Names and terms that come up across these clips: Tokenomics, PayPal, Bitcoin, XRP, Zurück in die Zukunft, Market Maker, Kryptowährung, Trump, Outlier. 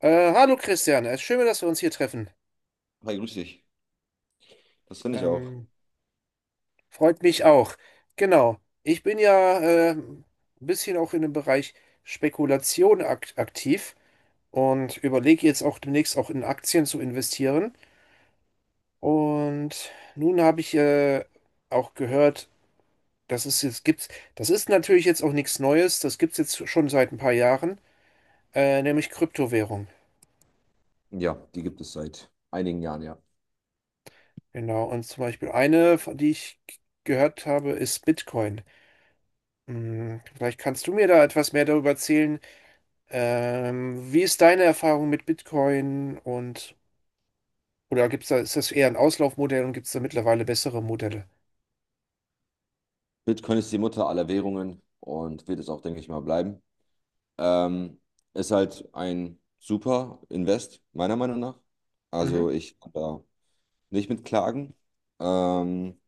Hallo Christian, es ist schön, dass wir uns hier treffen. Hi, grüß dich. Das finde ich auch. Ähm, Freut mich auch. Genau, ich bin ja ein bisschen auch in dem Bereich Spekulation ak aktiv und überlege jetzt auch demnächst auch in Aktien zu investieren. Und nun habe ich auch gehört, dass es jetzt gibt, das ist natürlich jetzt auch nichts Neues, das gibt es jetzt schon seit ein paar Jahren, nämlich Kryptowährung. Ja, die gibt es seit einigen Jahren, ja. Genau, und zum Beispiel eine, von die ich gehört habe, ist Bitcoin. Hm, Vielleicht kannst du mir da etwas mehr darüber erzählen. Wie ist deine Erfahrung mit Bitcoin und oder gibt's da, ist das eher ein Auslaufmodell und gibt es da mittlerweile bessere Modelle? Bitcoin ist die Mutter aller Währungen und wird es auch, denke ich mal, bleiben. Ähm, Ist halt ein super Invest, meiner Meinung nach. Mhm. Also ich kann da nicht mit klagen. Ähm,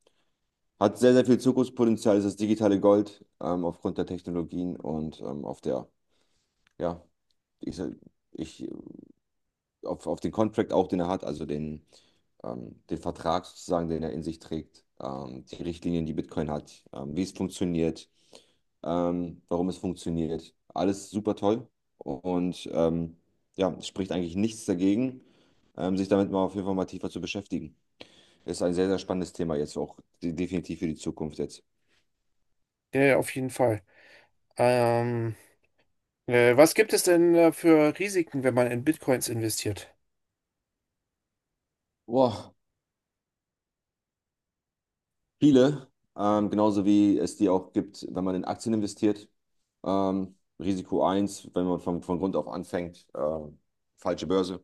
Hat sehr, sehr viel Zukunftspotenzial, ist das digitale Gold, aufgrund der Technologien und auf der, ja, ich, sag- ich auf den Contract auch, den er hat, also den, den Vertrag sozusagen, den er in sich trägt, die Richtlinien, die Bitcoin hat, wie es funktioniert, warum es funktioniert. Alles super toll und ja, es spricht eigentlich nichts dagegen, sich damit mal auf jeden Fall mal tiefer zu beschäftigen. Ist ein sehr, sehr spannendes Thema jetzt auch, definitiv für die Zukunft jetzt. Ja, ja, auf jeden Fall. Ähm, Was gibt es denn für Risiken, wenn man in Bitcoins investiert? Boah, viele, genauso wie es die auch gibt, wenn man in Aktien investiert. Risiko eins: wenn man von Grund auf anfängt, falsche Börse,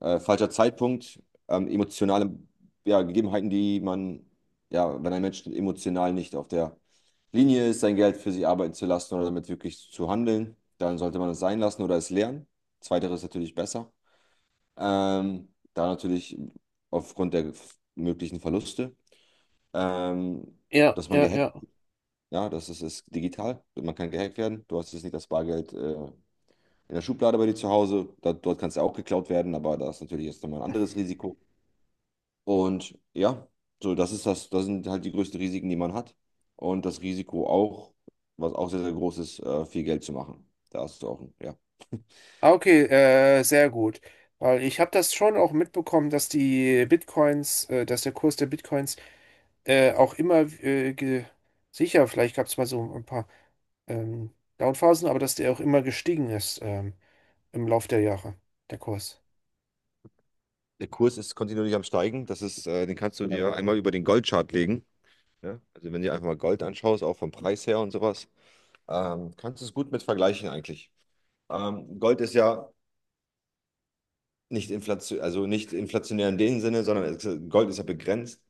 falscher Zeitpunkt, emotionale, ja, Gegebenheiten, die man, ja, wenn ein Mensch emotional nicht auf der Linie ist, sein Geld für sich arbeiten zu lassen oder damit wirklich zu handeln, dann sollte man es sein lassen oder es lernen. Zweiteres ist natürlich besser. Da natürlich aufgrund der möglichen Verluste. Ähm, Ja, dass man ja, gehackt, ja. ja, das ist, ist digital. Man kann gehackt werden. Du hast jetzt nicht das Bargeld in der Schublade bei dir zu Hause. Da, dort kannst du auch geklaut werden, aber da ist natürlich jetzt nochmal ein anderes Risiko. Und ja, so das ist das, das sind halt die größten Risiken, die man hat. Und das Risiko auch, was auch sehr, sehr groß ist, viel Geld zu machen. Da hast du auch, ja. Ah, okay, sehr gut. Weil ich habe das schon auch mitbekommen, dass die Bitcoins, dass der Kurs der Bitcoins auch immer sicher, vielleicht gab es mal so ein paar ähm, Downphasen, aber dass der auch immer gestiegen ist, im Lauf der Jahre, der Kurs. Der Kurs ist kontinuierlich am Steigen. Das ist, den kannst du dir einmal über den Goldchart legen. Ja? Also wenn du dir einfach mal Gold anschaust, auch vom Preis her und sowas, kannst du es gut mit vergleichen eigentlich. Gold ist ja nicht inflation, also nicht inflationär in dem Sinne, sondern Gold ist ja begrenzt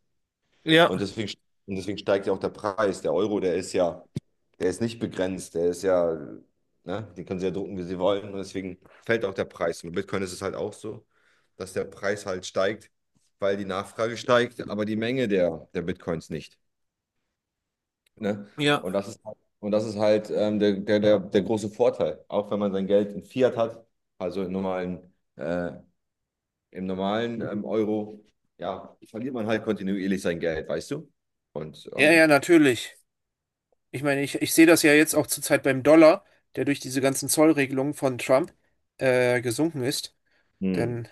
und deswegen, und deswegen steigt ja auch der Preis. Der Euro, der ist ja, der ist nicht begrenzt, der ist ja, ne, den können sie ja drucken, wie sie wollen, und deswegen fällt auch der Preis. Und bei Bitcoin ist es halt auch so, dass der Preis halt steigt, weil die Nachfrage steigt, aber die Menge der Bitcoins nicht. Ne? Ja, Und das ist halt der große Vorteil, auch wenn man sein Geld in Fiat hat, also in normalen im normalen Euro, ja, verliert man halt kontinuierlich sein Geld, weißt du? Und ja, ja, natürlich. Ich meine, ich sehe das ja jetzt auch zurzeit beim Dollar, der durch diese ganzen Zollregelungen von Trump gesunken ist. hm, Denn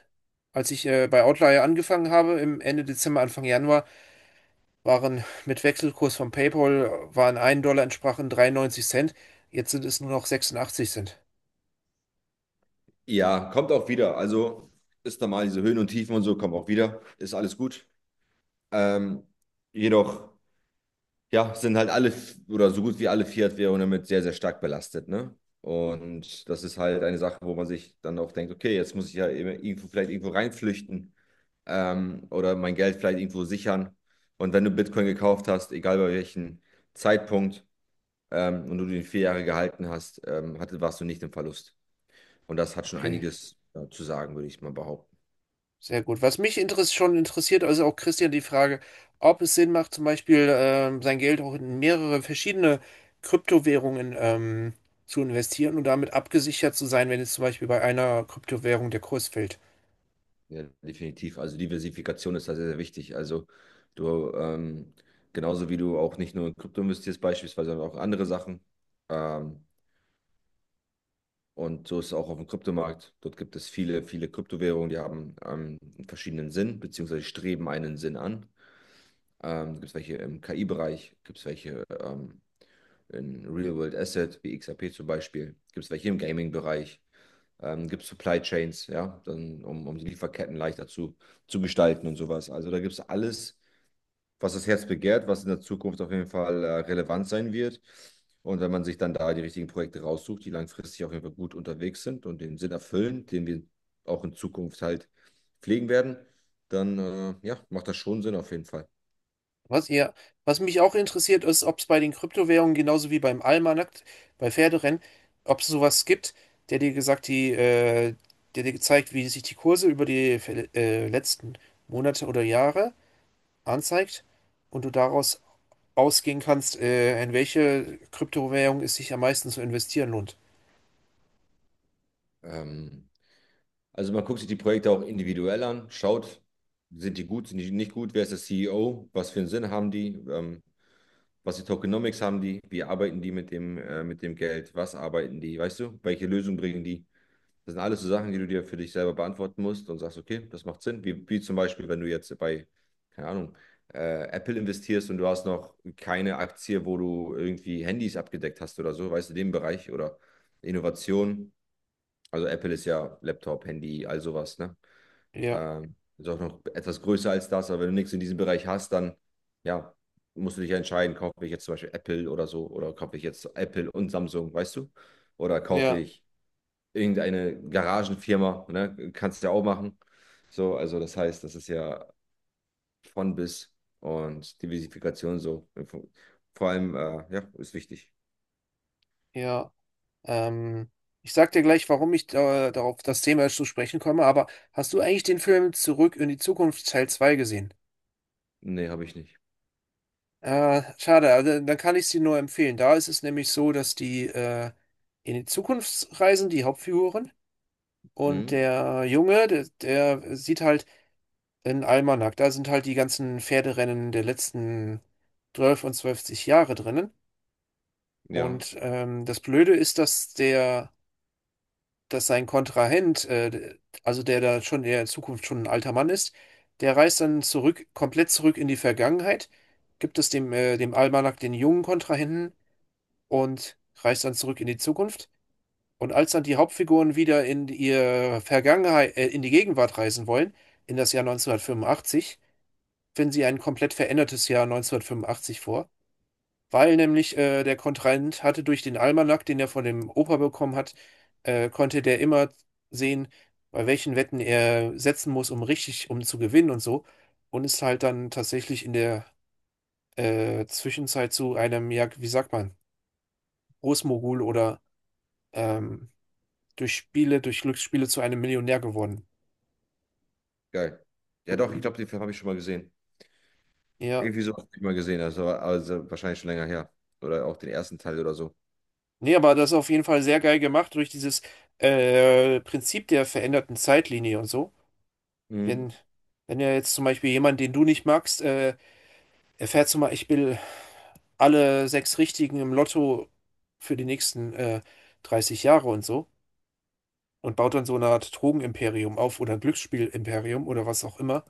als ich bei Outlier angefangen habe, im Ende Dezember, Anfang Januar, waren mit Wechselkurs von PayPal, waren ein Dollar entsprachen 93 Cent. Jetzt sind es nur noch 86 Cent. ja, kommt auch wieder. Also ist normal, diese Höhen und Tiefen und so kommen auch wieder. Ist alles gut. Ähm, jedoch, ja, sind halt alle oder so gut wie alle Fiat-Währungen damit sehr, sehr stark belastet, ne? Und das ist halt eine Sache, wo man sich dann auch denkt, okay, jetzt muss ich ja eben irgendwo, vielleicht irgendwo reinflüchten, oder mein Geld vielleicht irgendwo sichern. Und wenn du Bitcoin gekauft hast, egal bei welchem Zeitpunkt, und du den 4 Jahre gehalten hast, warst du nicht im Verlust. Und das hat schon Okay. einiges zu sagen, würde ich mal behaupten. Sehr gut. Was mich interess schon interessiert, also auch Christian, die Frage, ob es Sinn macht, zum Beispiel sein Geld auch in mehrere verschiedene Kryptowährungen zu investieren und damit abgesichert zu sein, wenn jetzt zum Beispiel bei einer Kryptowährung der Kurs fällt. Ja, definitiv. Also Diversifikation ist da sehr, sehr wichtig. Also du, genauso wie du auch nicht nur in Krypto investierst beispielsweise, sondern auch andere Sachen. Ähm, und so ist es auch auf dem Kryptomarkt. Dort gibt es viele, viele Kryptowährungen, die haben einen verschiedenen Sinn, beziehungsweise streben einen Sinn an. Gibt es welche im KI-Bereich, gibt es welche in Real World Asset, wie XRP zum Beispiel. Gibt es welche im Gaming-Bereich? Gibt es Supply Chains, ja, dann, um die Lieferketten leichter zu gestalten und sowas. Also da gibt es alles, was das Herz begehrt, was in der Zukunft auf jeden Fall relevant sein wird. Und wenn man sich dann da die richtigen Projekte raussucht, die langfristig auf jeden Fall gut unterwegs sind und den Sinn erfüllen, den wir auch in Zukunft halt pflegen werden, dann ja, macht das schon Sinn auf jeden Fall. Was ihr, was mich auch interessiert, ist, ob es bei den Kryptowährungen genauso wie beim Almanakt, bei Pferderennen, ob es sowas gibt, der dir gesagt, die, äh, der dir gezeigt, wie sich die Kurse über die letzten Monate oder Jahre anzeigt und du daraus ausgehen kannst, in welche Kryptowährung es sich am meisten zu investieren lohnt. Ähm, Also man guckt sich die Projekte auch individuell an, schaut, sind die gut, sind die nicht gut, wer ist der CEO, was für einen Sinn haben die, was für Tokenomics haben die, wie arbeiten die mit dem Geld, was arbeiten die, weißt du, welche Lösung bringen die? Das sind alles so Sachen, die du dir für dich selber beantworten musst und sagst, okay, das macht Sinn. Wie zum Beispiel, wenn du jetzt bei, keine Ahnung, Apple investierst und du hast noch keine Aktie, wo du irgendwie Handys abgedeckt hast oder so, weißt du, den Bereich oder Innovation. Also Apple ist ja Laptop, Handy, all sowas, ne? Ja, Ist auch noch etwas größer als das, aber wenn du nichts in diesem Bereich hast, dann ja, musst du dich ja entscheiden, kaufe ich jetzt zum Beispiel Apple oder so, oder kaufe ich jetzt Apple und Samsung, weißt du? Oder kaufe ja, ich irgendeine Garagenfirma, ne? Kannst du ja auch machen. So, also das heißt, das ist ja von bis und Diversifikation so. Vor allem, ja, ist wichtig. ja. Ähm, Ich sag dir gleich, warum ich darauf das Thema zu sprechen komme, aber hast du eigentlich den Film Zurück in die Zukunft Teil 2 gesehen? Nee, habe ich nicht. Schade, also, dann kann ich sie nur empfehlen. Da ist es nämlich so, dass die in die Zukunft reisen, die Hauptfiguren, und Mhm. der Junge, der sieht halt einen Almanach. Da sind halt die ganzen Pferderennen der letzten 12 und zwölfzig Jahre drinnen. Ja, Und das Blöde ist, dass sein Kontrahent, also der da schon der in Zukunft schon ein alter Mann ist, der reist dann zurück, komplett zurück in die Vergangenheit, gibt es dem, dem Almanach den jungen Kontrahenten und reist dann zurück in die Zukunft. Und als dann die Hauptfiguren wieder in ihre Vergangenheit, in die Gegenwart reisen wollen, in das Jahr neunzehnhundertfünfundachtzig, finden sie ein komplett verändertes Jahr neunzehnhundertfünfundachtzig vor. Weil nämlich der Kontrahent hatte durch den Almanach, den er von dem Opa bekommen hat, konnte der immer sehen, bei welchen Wetten er setzen muss, um richtig, um zu gewinnen und so. Und ist halt dann tatsächlich in der Zwischenzeit zu einem, ja, wie sagt man, Großmogul oder ähm, durch Spiele, durch Glücksspiele zu einem Millionär geworden. geil. Ja, doch, ich glaube, den Film habe ich schon mal gesehen. Ja. Irgendwie so nicht mal gesehen, habe. Das war also wahrscheinlich schon länger her. Oder auch den ersten Teil oder so. Nee, aber das ist auf jeden Fall sehr geil gemacht durch dieses Prinzip der veränderten Zeitlinie und so. Mhm. Wenn, wenn ja jetzt zum Beispiel jemand, den du nicht magst, erfährt zum Beispiel alle sechs Richtigen im Lotto für die nächsten 30 Jahre und so und baut dann so eine Art Drogenimperium auf oder ein Glücksspielimperium oder was auch immer.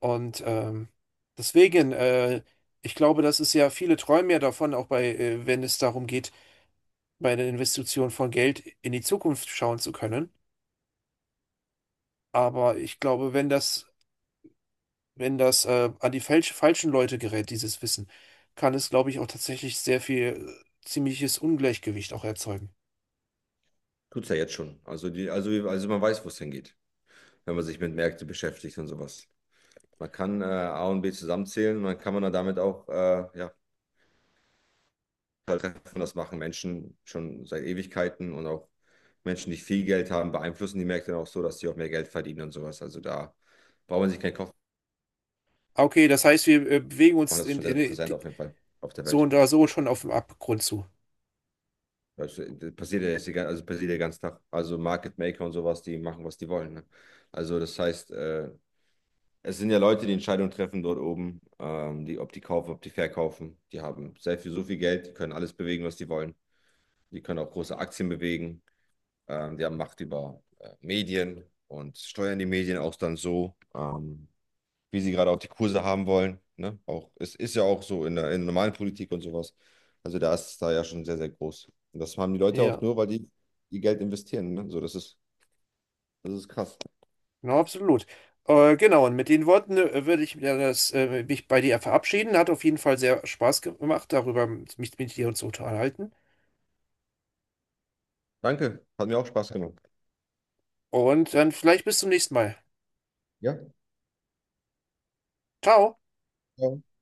Und deswegen, ich glaube, das ist ja, viele träumen ja davon, auch bei, wenn es darum geht, bei der Investition von Geld in die Zukunft schauen zu können. Aber ich glaube, wenn das wenn das an die falschen Leute gerät, dieses Wissen, kann es, glaube ich, auch tatsächlich sehr viel ziemliches Ungleichgewicht auch erzeugen. Tut's ja jetzt schon. Also man weiß, wo es hingeht, wenn man sich mit Märkten beschäftigt und sowas. Man kann A und B zusammenzählen und dann kann man dann damit auch ja, halt treffen. Das machen Menschen schon seit Ewigkeiten und auch Menschen, die viel Geld haben, beeinflussen die Märkte dann auch so, dass sie auch mehr Geld verdienen und sowas. Also da braucht man sich keinen Kopf Ah, okay, das heißt, wir bewegen machen, uns das ist schon sehr in, präsent auf jeden Fall auf der so Welt. und da so schon auf dem Abgrund zu. Weißt du, das passiert ja jetzt also passiert ja den ganzen Tag. Also Market Maker und sowas, die machen, was die wollen. Ne? Also das heißt, es sind ja Leute, die Entscheidungen treffen dort oben, die, ob die kaufen, ob die verkaufen. Die haben sehr viel, so viel Geld, die können alles bewegen, was die wollen. Die können auch große Aktien bewegen. Die haben Macht über Medien und steuern die Medien auch dann so. Wie sie gerade auch die Kurse haben wollen. Ne? Auch, es ist ja auch so in in der normalen Politik und sowas. Also da ist es da ja schon sehr, sehr groß. Und das haben die Leute auch Ja, nur, weil die ihr Geld investieren. Ne? So, das ist krass. genau, absolut. Genau, und mit den Worten würde ich mir das, mich bei dir verabschieden. Hat auf jeden Fall sehr Spaß gemacht, darüber mich mit dir und zu unterhalten. Danke, hat mir auch Spaß gemacht. Und dann vielleicht bis zum nächsten Mal. Ja, Ciao. ciao.